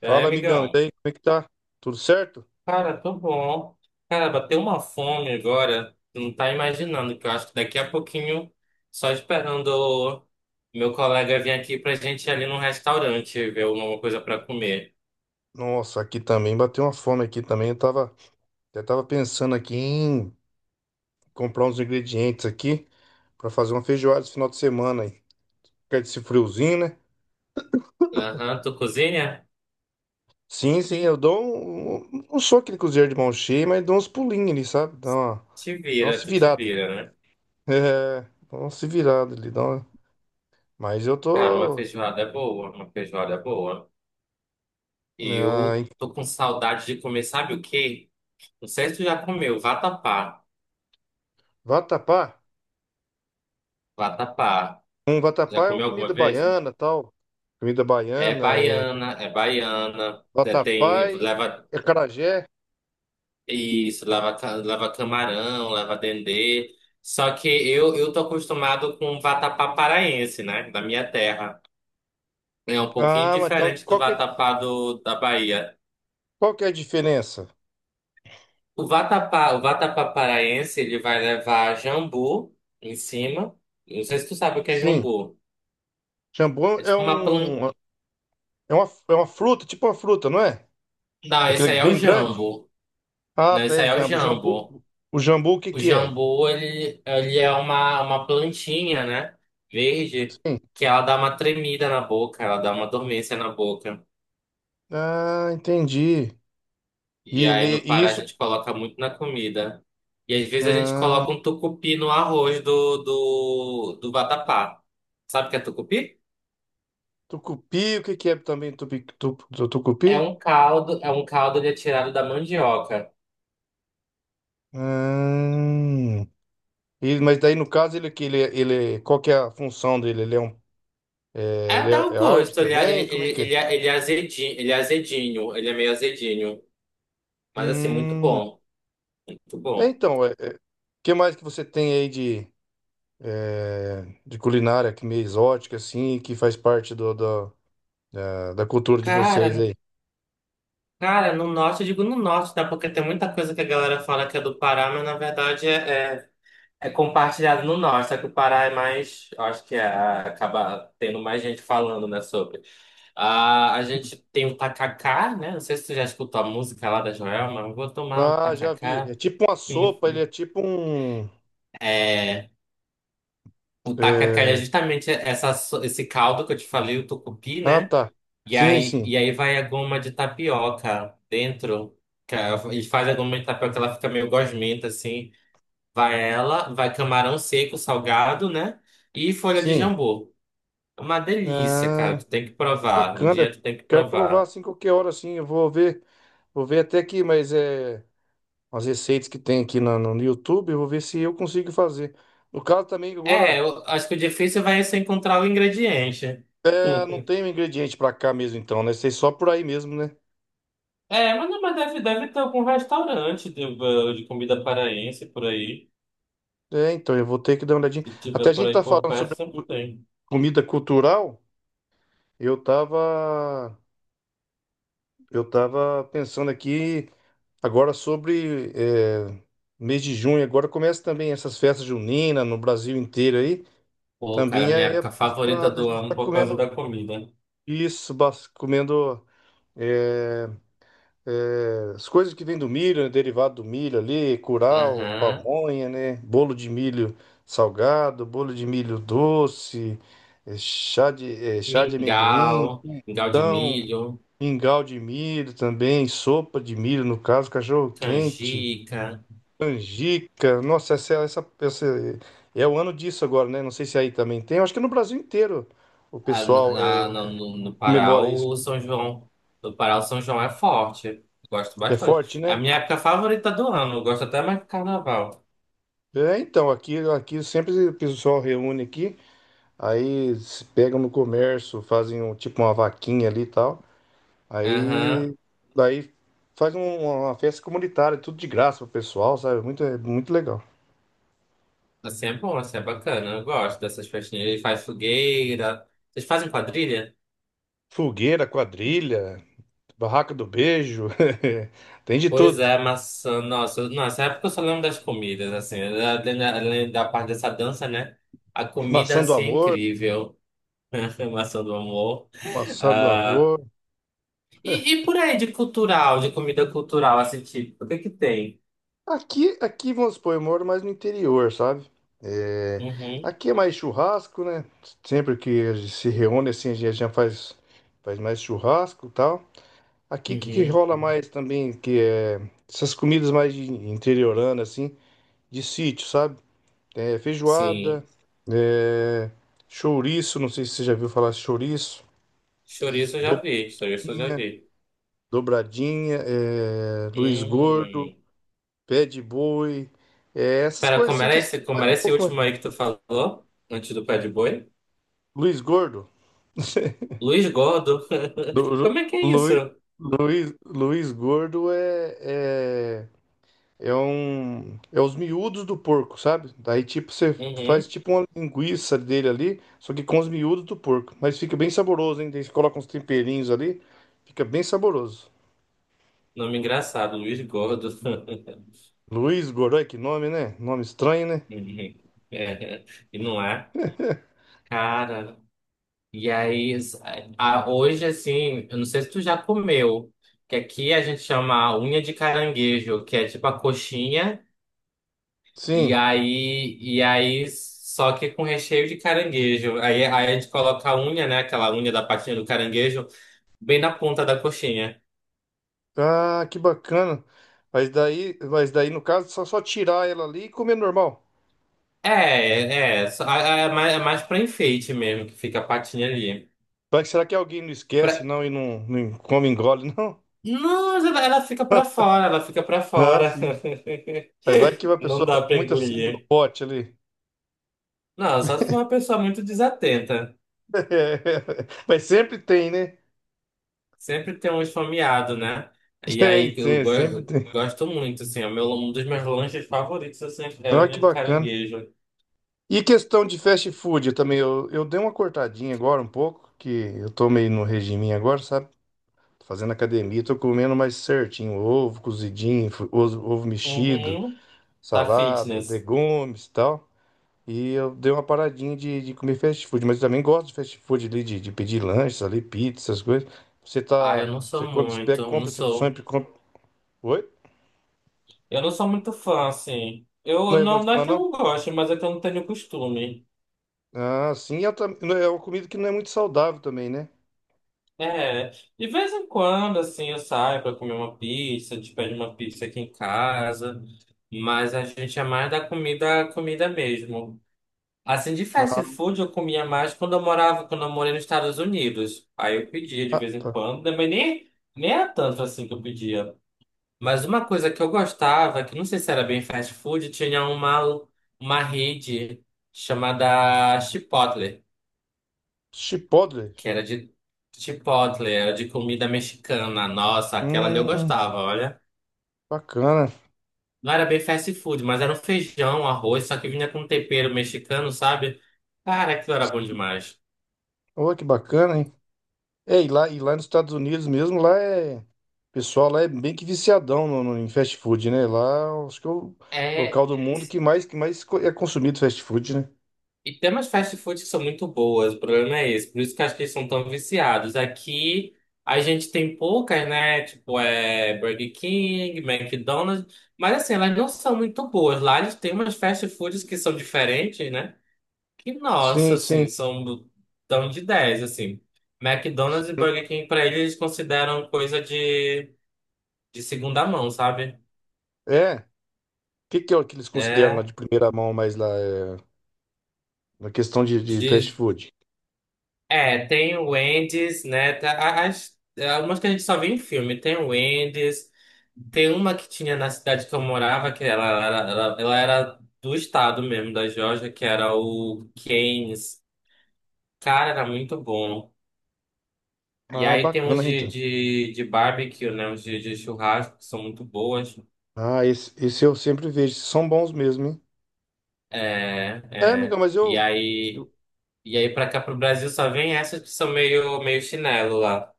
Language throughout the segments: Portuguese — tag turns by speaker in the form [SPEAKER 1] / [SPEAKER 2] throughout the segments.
[SPEAKER 1] E aí,
[SPEAKER 2] Fala, amigão, e
[SPEAKER 1] amigão?
[SPEAKER 2] daí, como é que tá? Tudo certo?
[SPEAKER 1] Cara, tô bom. Cara, bateu uma fome agora. Tu não tá imaginando, que eu acho que daqui a pouquinho, só esperando o meu colega vir aqui pra gente ir ali num restaurante ver alguma coisa pra comer.
[SPEAKER 2] Nossa, aqui também bateu uma fome aqui também. Eu tava pensando aqui em comprar uns ingredientes aqui pra fazer uma feijoada esse final de semana aí. Quer desse friozinho, né?
[SPEAKER 1] Aham, tu cozinha?
[SPEAKER 2] Sim, sim, eu dou um, não sou aquele cozinheiro de mão cheia, mas dou uns pulinhos ali, sabe? Dá uma,
[SPEAKER 1] Te
[SPEAKER 2] dá uma
[SPEAKER 1] vira,
[SPEAKER 2] se
[SPEAKER 1] tu te
[SPEAKER 2] virada.
[SPEAKER 1] vira, né?
[SPEAKER 2] É, dá uma se virada ali. Mas eu
[SPEAKER 1] Cara, uma
[SPEAKER 2] tô,
[SPEAKER 1] feijoada é boa, uma feijoada é boa. E
[SPEAKER 2] ah,
[SPEAKER 1] eu
[SPEAKER 2] em
[SPEAKER 1] tô com saudade de comer, sabe o quê? Não sei se tu já comeu, vatapá.
[SPEAKER 2] vatapá.
[SPEAKER 1] Vatapá.
[SPEAKER 2] Um
[SPEAKER 1] Já
[SPEAKER 2] vatapá é uma
[SPEAKER 1] comeu
[SPEAKER 2] comida
[SPEAKER 1] alguma vez?
[SPEAKER 2] baiana, tal. Comida
[SPEAKER 1] É
[SPEAKER 2] baiana, é,
[SPEAKER 1] baiana, é baiana, é,
[SPEAKER 2] vatapá
[SPEAKER 1] tem,
[SPEAKER 2] e
[SPEAKER 1] leva
[SPEAKER 2] acarajé.
[SPEAKER 1] isso, leva, leva camarão, leva dendê. Só que eu tô acostumado com vatapá paraense, né? Da minha terra. É um pouquinho
[SPEAKER 2] Ah, mas então
[SPEAKER 1] diferente do
[SPEAKER 2] qual que é,
[SPEAKER 1] vatapá da Bahia.
[SPEAKER 2] qual que é a diferença?
[SPEAKER 1] O vatapá paraense, ele vai levar jambu em cima. Não sei se tu sabe o que é
[SPEAKER 2] Sim,
[SPEAKER 1] jambu.
[SPEAKER 2] jambu
[SPEAKER 1] É
[SPEAKER 2] é
[SPEAKER 1] tipo uma planta.
[SPEAKER 2] um é uma, é uma fruta, tipo uma fruta, não é?
[SPEAKER 1] Não, esse
[SPEAKER 2] Aquele
[SPEAKER 1] aí é o
[SPEAKER 2] bem grande.
[SPEAKER 1] jambo.
[SPEAKER 2] Ah,
[SPEAKER 1] Não,
[SPEAKER 2] tá,
[SPEAKER 1] esse
[SPEAKER 2] é
[SPEAKER 1] aí é o
[SPEAKER 2] jambu. Jambu,
[SPEAKER 1] jambo.
[SPEAKER 2] o jambu o que
[SPEAKER 1] O
[SPEAKER 2] que é?
[SPEAKER 1] jambu, ele é uma plantinha, né? Verde,
[SPEAKER 2] Sim.
[SPEAKER 1] que ela dá uma tremida na boca, ela dá uma dormência na boca.
[SPEAKER 2] Ah, entendi. E,
[SPEAKER 1] E aí
[SPEAKER 2] ele-
[SPEAKER 1] no
[SPEAKER 2] e
[SPEAKER 1] Pará a
[SPEAKER 2] isso,
[SPEAKER 1] gente coloca muito na comida. E às vezes a gente
[SPEAKER 2] ah,
[SPEAKER 1] coloca um tucupi no arroz do vatapá. Sabe o que é tucupi?
[SPEAKER 2] tucupi, o que que é também tucupi?
[SPEAKER 1] É um caldo ele é tirado da mandioca.
[SPEAKER 2] Ah, mas daí no caso ele é, qual que é a função dele? Ele é um é,
[SPEAKER 1] É,
[SPEAKER 2] ele
[SPEAKER 1] dá o
[SPEAKER 2] é, é arte
[SPEAKER 1] gosto,
[SPEAKER 2] também? Como é que é?
[SPEAKER 1] ele é azedinho, ele é azedinho, ele é meio azedinho. Mas assim, muito
[SPEAKER 2] Hum.
[SPEAKER 1] bom, muito
[SPEAKER 2] é,
[SPEAKER 1] bom.
[SPEAKER 2] então, o que mais que você tem aí de culinária que meio exótica, assim, que faz parte da cultura de vocês
[SPEAKER 1] Cara,
[SPEAKER 2] aí?
[SPEAKER 1] Cara, no norte, eu digo no norte, tá? Porque tem muita coisa que a galera fala que é do Pará, mas na verdade é compartilhado no norte. Só que o Pará é mais. Eu acho que é, acaba tendo mais gente falando, né? Sobre. Ah, a gente tem o tacacá, né? Não sei se tu já escutou a música lá da Joelma, mas vou tomar um
[SPEAKER 2] Ah, já vi.
[SPEAKER 1] tacacá.
[SPEAKER 2] É tipo uma sopa, ele é tipo um.
[SPEAKER 1] É, o tacacá é
[SPEAKER 2] é,
[SPEAKER 1] justamente essa, esse caldo que eu te falei, o tucupi,
[SPEAKER 2] Ah,
[SPEAKER 1] né?
[SPEAKER 2] tá.
[SPEAKER 1] E
[SPEAKER 2] Sim,
[SPEAKER 1] aí,
[SPEAKER 2] sim,
[SPEAKER 1] e aí vai a goma de tapioca dentro. E faz a goma de tapioca, ela fica meio gosmenta, assim. Vai ela, vai camarão seco, salgado, né? E folha de
[SPEAKER 2] sim.
[SPEAKER 1] jambu. É uma delícia, cara.
[SPEAKER 2] Ah,
[SPEAKER 1] Tu tem que provar. Um
[SPEAKER 2] bacana.
[SPEAKER 1] dia tu tem que
[SPEAKER 2] Quero provar
[SPEAKER 1] provar.
[SPEAKER 2] assim qualquer hora, assim. Eu vou ver até aqui, mas é as receitas que tem aqui no YouTube, eu vou ver se eu consigo fazer. No caso também
[SPEAKER 1] É,
[SPEAKER 2] agora.
[SPEAKER 1] eu acho que o difícil vai ser encontrar o ingrediente.
[SPEAKER 2] É, não tem um ingrediente pra cá mesmo, então, né? Sei só por aí mesmo, né?
[SPEAKER 1] É, mas, não, mas deve, deve ter algum restaurante de, de comida paraense por aí.
[SPEAKER 2] É, então, eu vou ter que dar uma olhadinha.
[SPEAKER 1] Se
[SPEAKER 2] Até a
[SPEAKER 1] tiver por
[SPEAKER 2] gente
[SPEAKER 1] aí
[SPEAKER 2] tá
[SPEAKER 1] por
[SPEAKER 2] falando
[SPEAKER 1] perto,
[SPEAKER 2] sobre
[SPEAKER 1] sempre tem.
[SPEAKER 2] comida cultural, eu tava, eu tava pensando aqui agora sobre mês de junho, agora começa também essas festas juninas no Brasil inteiro aí.
[SPEAKER 1] Pô, cara,
[SPEAKER 2] Também
[SPEAKER 1] minha
[SPEAKER 2] é
[SPEAKER 1] época
[SPEAKER 2] época de
[SPEAKER 1] favorita
[SPEAKER 2] da
[SPEAKER 1] do
[SPEAKER 2] gente
[SPEAKER 1] ano
[SPEAKER 2] tá
[SPEAKER 1] por causa da
[SPEAKER 2] comendo
[SPEAKER 1] comida.
[SPEAKER 2] isso, comendo. é, As coisas que vêm do milho, né, derivado do milho ali, curau,
[SPEAKER 1] Aham.
[SPEAKER 2] pamonha, né? Bolo de milho salgado, bolo de milho doce, eh, chá de, chá de amendoim,
[SPEAKER 1] Mingau de
[SPEAKER 2] então,
[SPEAKER 1] milho,
[SPEAKER 2] mingau de milho também, sopa de milho, no caso, cachorro quente,
[SPEAKER 1] canjica.
[SPEAKER 2] canjica. Nossa, essa é o ano disso agora, né? Não sei se aí também tem. Eu acho que no Brasil inteiro o
[SPEAKER 1] Ah,
[SPEAKER 2] pessoal
[SPEAKER 1] no Pará,
[SPEAKER 2] comemora isso,
[SPEAKER 1] o
[SPEAKER 2] né?
[SPEAKER 1] São João. No Pará, o São João é forte. Gosto
[SPEAKER 2] É forte,
[SPEAKER 1] bastante. É a
[SPEAKER 2] né?
[SPEAKER 1] minha época favorita do ano. Eu gosto até mais que carnaval.
[SPEAKER 2] É, então, aqui sempre o pessoal reúne aqui. Aí se pegam no comércio, fazem um, tipo uma vaquinha ali e tal.
[SPEAKER 1] Aham.
[SPEAKER 2] Aí daí faz uma festa comunitária, tudo de graça pro pessoal, sabe? É muito legal.
[SPEAKER 1] Assim é bom, assim é bacana. Eu gosto dessas festinhas. Ele faz fogueira. Vocês fazem quadrilha?
[SPEAKER 2] Fogueira, quadrilha, barraca do beijo, tem de
[SPEAKER 1] Pois
[SPEAKER 2] tudo.
[SPEAKER 1] é, maçã. Nossa, nessa época eu só lembro das comidas, assim. Além da parte dessa dança, né? A comida,
[SPEAKER 2] Maçã do
[SPEAKER 1] assim, é
[SPEAKER 2] amor,
[SPEAKER 1] incrível. Maçã do amor.
[SPEAKER 2] maçã do amor.
[SPEAKER 1] E por aí de cultural, de comida cultural, assim, tipo, o que que tem?
[SPEAKER 2] Aqui vamos supor, eu moro mais no interior, sabe? É,
[SPEAKER 1] Uhum,
[SPEAKER 2] aqui é mais churrasco, né? Sempre que a gente se reúne assim, a gente já faz mais churrasco e tal. Aqui o que, que
[SPEAKER 1] uhum.
[SPEAKER 2] rola mais também, que é essas comidas mais de interiorana, assim, de sítio, sabe? É, feijoada,
[SPEAKER 1] Sim.
[SPEAKER 2] é, chouriço, não sei se você já viu falar chouriço,
[SPEAKER 1] Chouriço eu
[SPEAKER 2] do-
[SPEAKER 1] já vi, chouriço eu já vi.
[SPEAKER 2] dobradinha, é, Luiz Gordo,
[SPEAKER 1] Hum.
[SPEAKER 2] pé de boi, é, essas
[SPEAKER 1] Pera,
[SPEAKER 2] coisas assim que são
[SPEAKER 1] como era
[SPEAKER 2] um
[SPEAKER 1] esse
[SPEAKER 2] pouco mais.
[SPEAKER 1] último aí que tu falou? Antes do pé de boi?
[SPEAKER 2] Luiz Gordo,
[SPEAKER 1] Luiz Gordo.
[SPEAKER 2] Lu-
[SPEAKER 1] Como é que é isso?
[SPEAKER 2] Lu- Luiz, Luiz, Gordo é, é É um. É os miúdos do porco, sabe? Daí, tipo, você faz
[SPEAKER 1] Uhum.
[SPEAKER 2] tipo uma linguiça dele ali, só que com os miúdos do porco. Mas fica bem saboroso, hein? Daí você coloca uns temperinhos ali, fica bem saboroso.
[SPEAKER 1] Nome engraçado, Luiz Gordo.
[SPEAKER 2] Luiz Godoy, que nome, né? Nome estranho, né?
[SPEAKER 1] Uhum. É. E não é? Cara, E aí, s- hoje, assim, eu não sei se tu já comeu, que aqui a gente chama unha de caranguejo, que é tipo a coxinha, e
[SPEAKER 2] Sim.
[SPEAKER 1] aí, e aí só que com recheio de caranguejo. Aí a gente coloca a unha, né, aquela unha da patinha do caranguejo, bem na ponta da coxinha.
[SPEAKER 2] Ah, que bacana. Mas daí no caso, só tirar ela ali e comer normal.
[SPEAKER 1] É mais pra enfeite mesmo, que fica a patinha ali.
[SPEAKER 2] Vai que será que alguém não esquece,
[SPEAKER 1] Pra...
[SPEAKER 2] não, e não, não come, engole, não?
[SPEAKER 1] Não, ela fica pra fora, ela fica pra
[SPEAKER 2] Ah,
[SPEAKER 1] fora.
[SPEAKER 2] sim. Aí vai que a
[SPEAKER 1] Não
[SPEAKER 2] pessoa vai
[SPEAKER 1] dá
[SPEAKER 2] com
[SPEAKER 1] pra
[SPEAKER 2] muita sede no
[SPEAKER 1] engolir.
[SPEAKER 2] pote ali.
[SPEAKER 1] Não, só se for uma pessoa muito desatenta.
[SPEAKER 2] Mas sempre tem, né?
[SPEAKER 1] Sempre tem um esfomeado, né? E
[SPEAKER 2] Tem,
[SPEAKER 1] aí que
[SPEAKER 2] tem, sempre
[SPEAKER 1] eu
[SPEAKER 2] tem.
[SPEAKER 1] gosto muito, assim. É o meu, um dos meus lanches favoritos assim, é
[SPEAKER 2] Olha que
[SPEAKER 1] unha de
[SPEAKER 2] bacana.
[SPEAKER 1] caranguejo.
[SPEAKER 2] E questão de fast food, eu também, eu dei uma cortadinha agora um pouco, que eu tô meio no regime agora, sabe? Tô fazendo academia, tô comendo mais certinho, ovo cozidinho, ovo mexido,
[SPEAKER 1] Uhum. Tá
[SPEAKER 2] salada,
[SPEAKER 1] fitness.
[SPEAKER 2] legumes e tal. E eu dei uma paradinha de comer fast food, mas eu também gosto de fast food ali, de pedir lanches ali, pizza, essas coisas. Você
[SPEAKER 1] Ah, eu
[SPEAKER 2] tá,
[SPEAKER 1] não
[SPEAKER 2] você
[SPEAKER 1] sou
[SPEAKER 2] come, você pega,
[SPEAKER 1] muito, não
[SPEAKER 2] compra,
[SPEAKER 1] sou.
[SPEAKER 2] sempre compra. Oi?
[SPEAKER 1] Eu não sou muito fã, assim.
[SPEAKER 2] Não
[SPEAKER 1] Eu
[SPEAKER 2] é
[SPEAKER 1] não,
[SPEAKER 2] muito
[SPEAKER 1] não é
[SPEAKER 2] fã,
[SPEAKER 1] que eu
[SPEAKER 2] não?
[SPEAKER 1] não goste, mas é que eu não tenho costume.
[SPEAKER 2] Ah, sim, e não, é uma comida que não é muito saudável também, né?
[SPEAKER 1] É. De vez em quando, assim, eu saio pra comer uma pizza, a gente pede uma pizza aqui em casa. Mas a gente é mais da comida mesmo. Assim, de fast food eu comia mais quando eu morei nos Estados Unidos. Aí eu pedia de
[SPEAKER 2] Ah,
[SPEAKER 1] vez em
[SPEAKER 2] tá.
[SPEAKER 1] quando, né, nem era tanto assim que eu pedia. Mas uma coisa que eu gostava, que não sei se era bem fast food, tinha uma rede chamada Chipotle,
[SPEAKER 2] Chipotle.
[SPEAKER 1] que era de Chipotle, era de comida mexicana. Nossa, aquela ali eu
[SPEAKER 2] Hum,
[SPEAKER 1] gostava, olha.
[SPEAKER 2] bacana.
[SPEAKER 1] Não era bem fast food, mas era um feijão, arroz, só que vinha com tempero mexicano, sabe? Cara, aquilo era bom demais.
[SPEAKER 2] Olha que bacana, hein? É, e lá nos Estados Unidos mesmo, lá é. O pessoal lá é bem que viciadão em fast food, né? Lá acho que é o
[SPEAKER 1] É,
[SPEAKER 2] local do mundo que mais é consumido fast food, né?
[SPEAKER 1] e tem umas fast foods que são muito boas, o problema é esse. Por isso que eu acho que eles são tão viciados. Aqui a gente tem poucas, né? Tipo, é Burger King, McDonald's. Mas assim, elas não são muito boas. Lá eles têm umas fast foods que são diferentes, né? Que, nossa,
[SPEAKER 2] Sim, sim.
[SPEAKER 1] assim, tão de 10 assim. McDonald's e Burger King, pra eles, eles consideram coisa de segunda mão, sabe?
[SPEAKER 2] É. O que, que é o que eles consideram lá
[SPEAKER 1] É.
[SPEAKER 2] de primeira mão mais lá? É, na questão de fast food?
[SPEAKER 1] É, tem o Wendy's, né? As, algumas que a gente só vê em filme. Tem o Wendy's, tem uma que tinha na cidade que eu morava, que ela era do estado mesmo, da Geórgia, que era o Cane's. Cara, era muito bom. E
[SPEAKER 2] Ah,
[SPEAKER 1] aí tem
[SPEAKER 2] bacana,
[SPEAKER 1] uns
[SPEAKER 2] então.
[SPEAKER 1] de barbecue, né? Uns de churrasco, que são muito boas.
[SPEAKER 2] Ah, esse eu sempre vejo. São bons mesmo, hein?
[SPEAKER 1] É,
[SPEAKER 2] É, amiga,
[SPEAKER 1] é.
[SPEAKER 2] mas eu, eu-
[SPEAKER 1] E aí pra cá, pro Brasil, só vem essas que são meio, meio chinelo lá.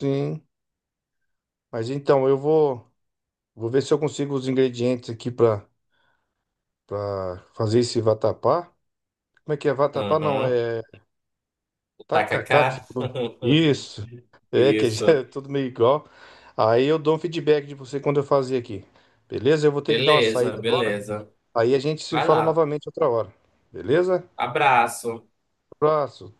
[SPEAKER 2] Sim. Mas então, eu vou ver se eu consigo os ingredientes aqui pra para fazer esse vatapá. Como é que é vatapá? Não,
[SPEAKER 1] Aham,
[SPEAKER 2] é
[SPEAKER 1] o
[SPEAKER 2] tacacá que você
[SPEAKER 1] tacacá.
[SPEAKER 2] falou. Isso. É, que já é
[SPEAKER 1] Isso.
[SPEAKER 2] tudo meio igual. Aí eu dou um feedback de você quando eu fazer aqui. Beleza? Eu vou ter que dar uma saída
[SPEAKER 1] Beleza,
[SPEAKER 2] agora.
[SPEAKER 1] beleza.
[SPEAKER 2] Aí a gente se
[SPEAKER 1] Vai
[SPEAKER 2] fala
[SPEAKER 1] lá.
[SPEAKER 2] novamente outra hora. Beleza?
[SPEAKER 1] Abraço.
[SPEAKER 2] Abraço.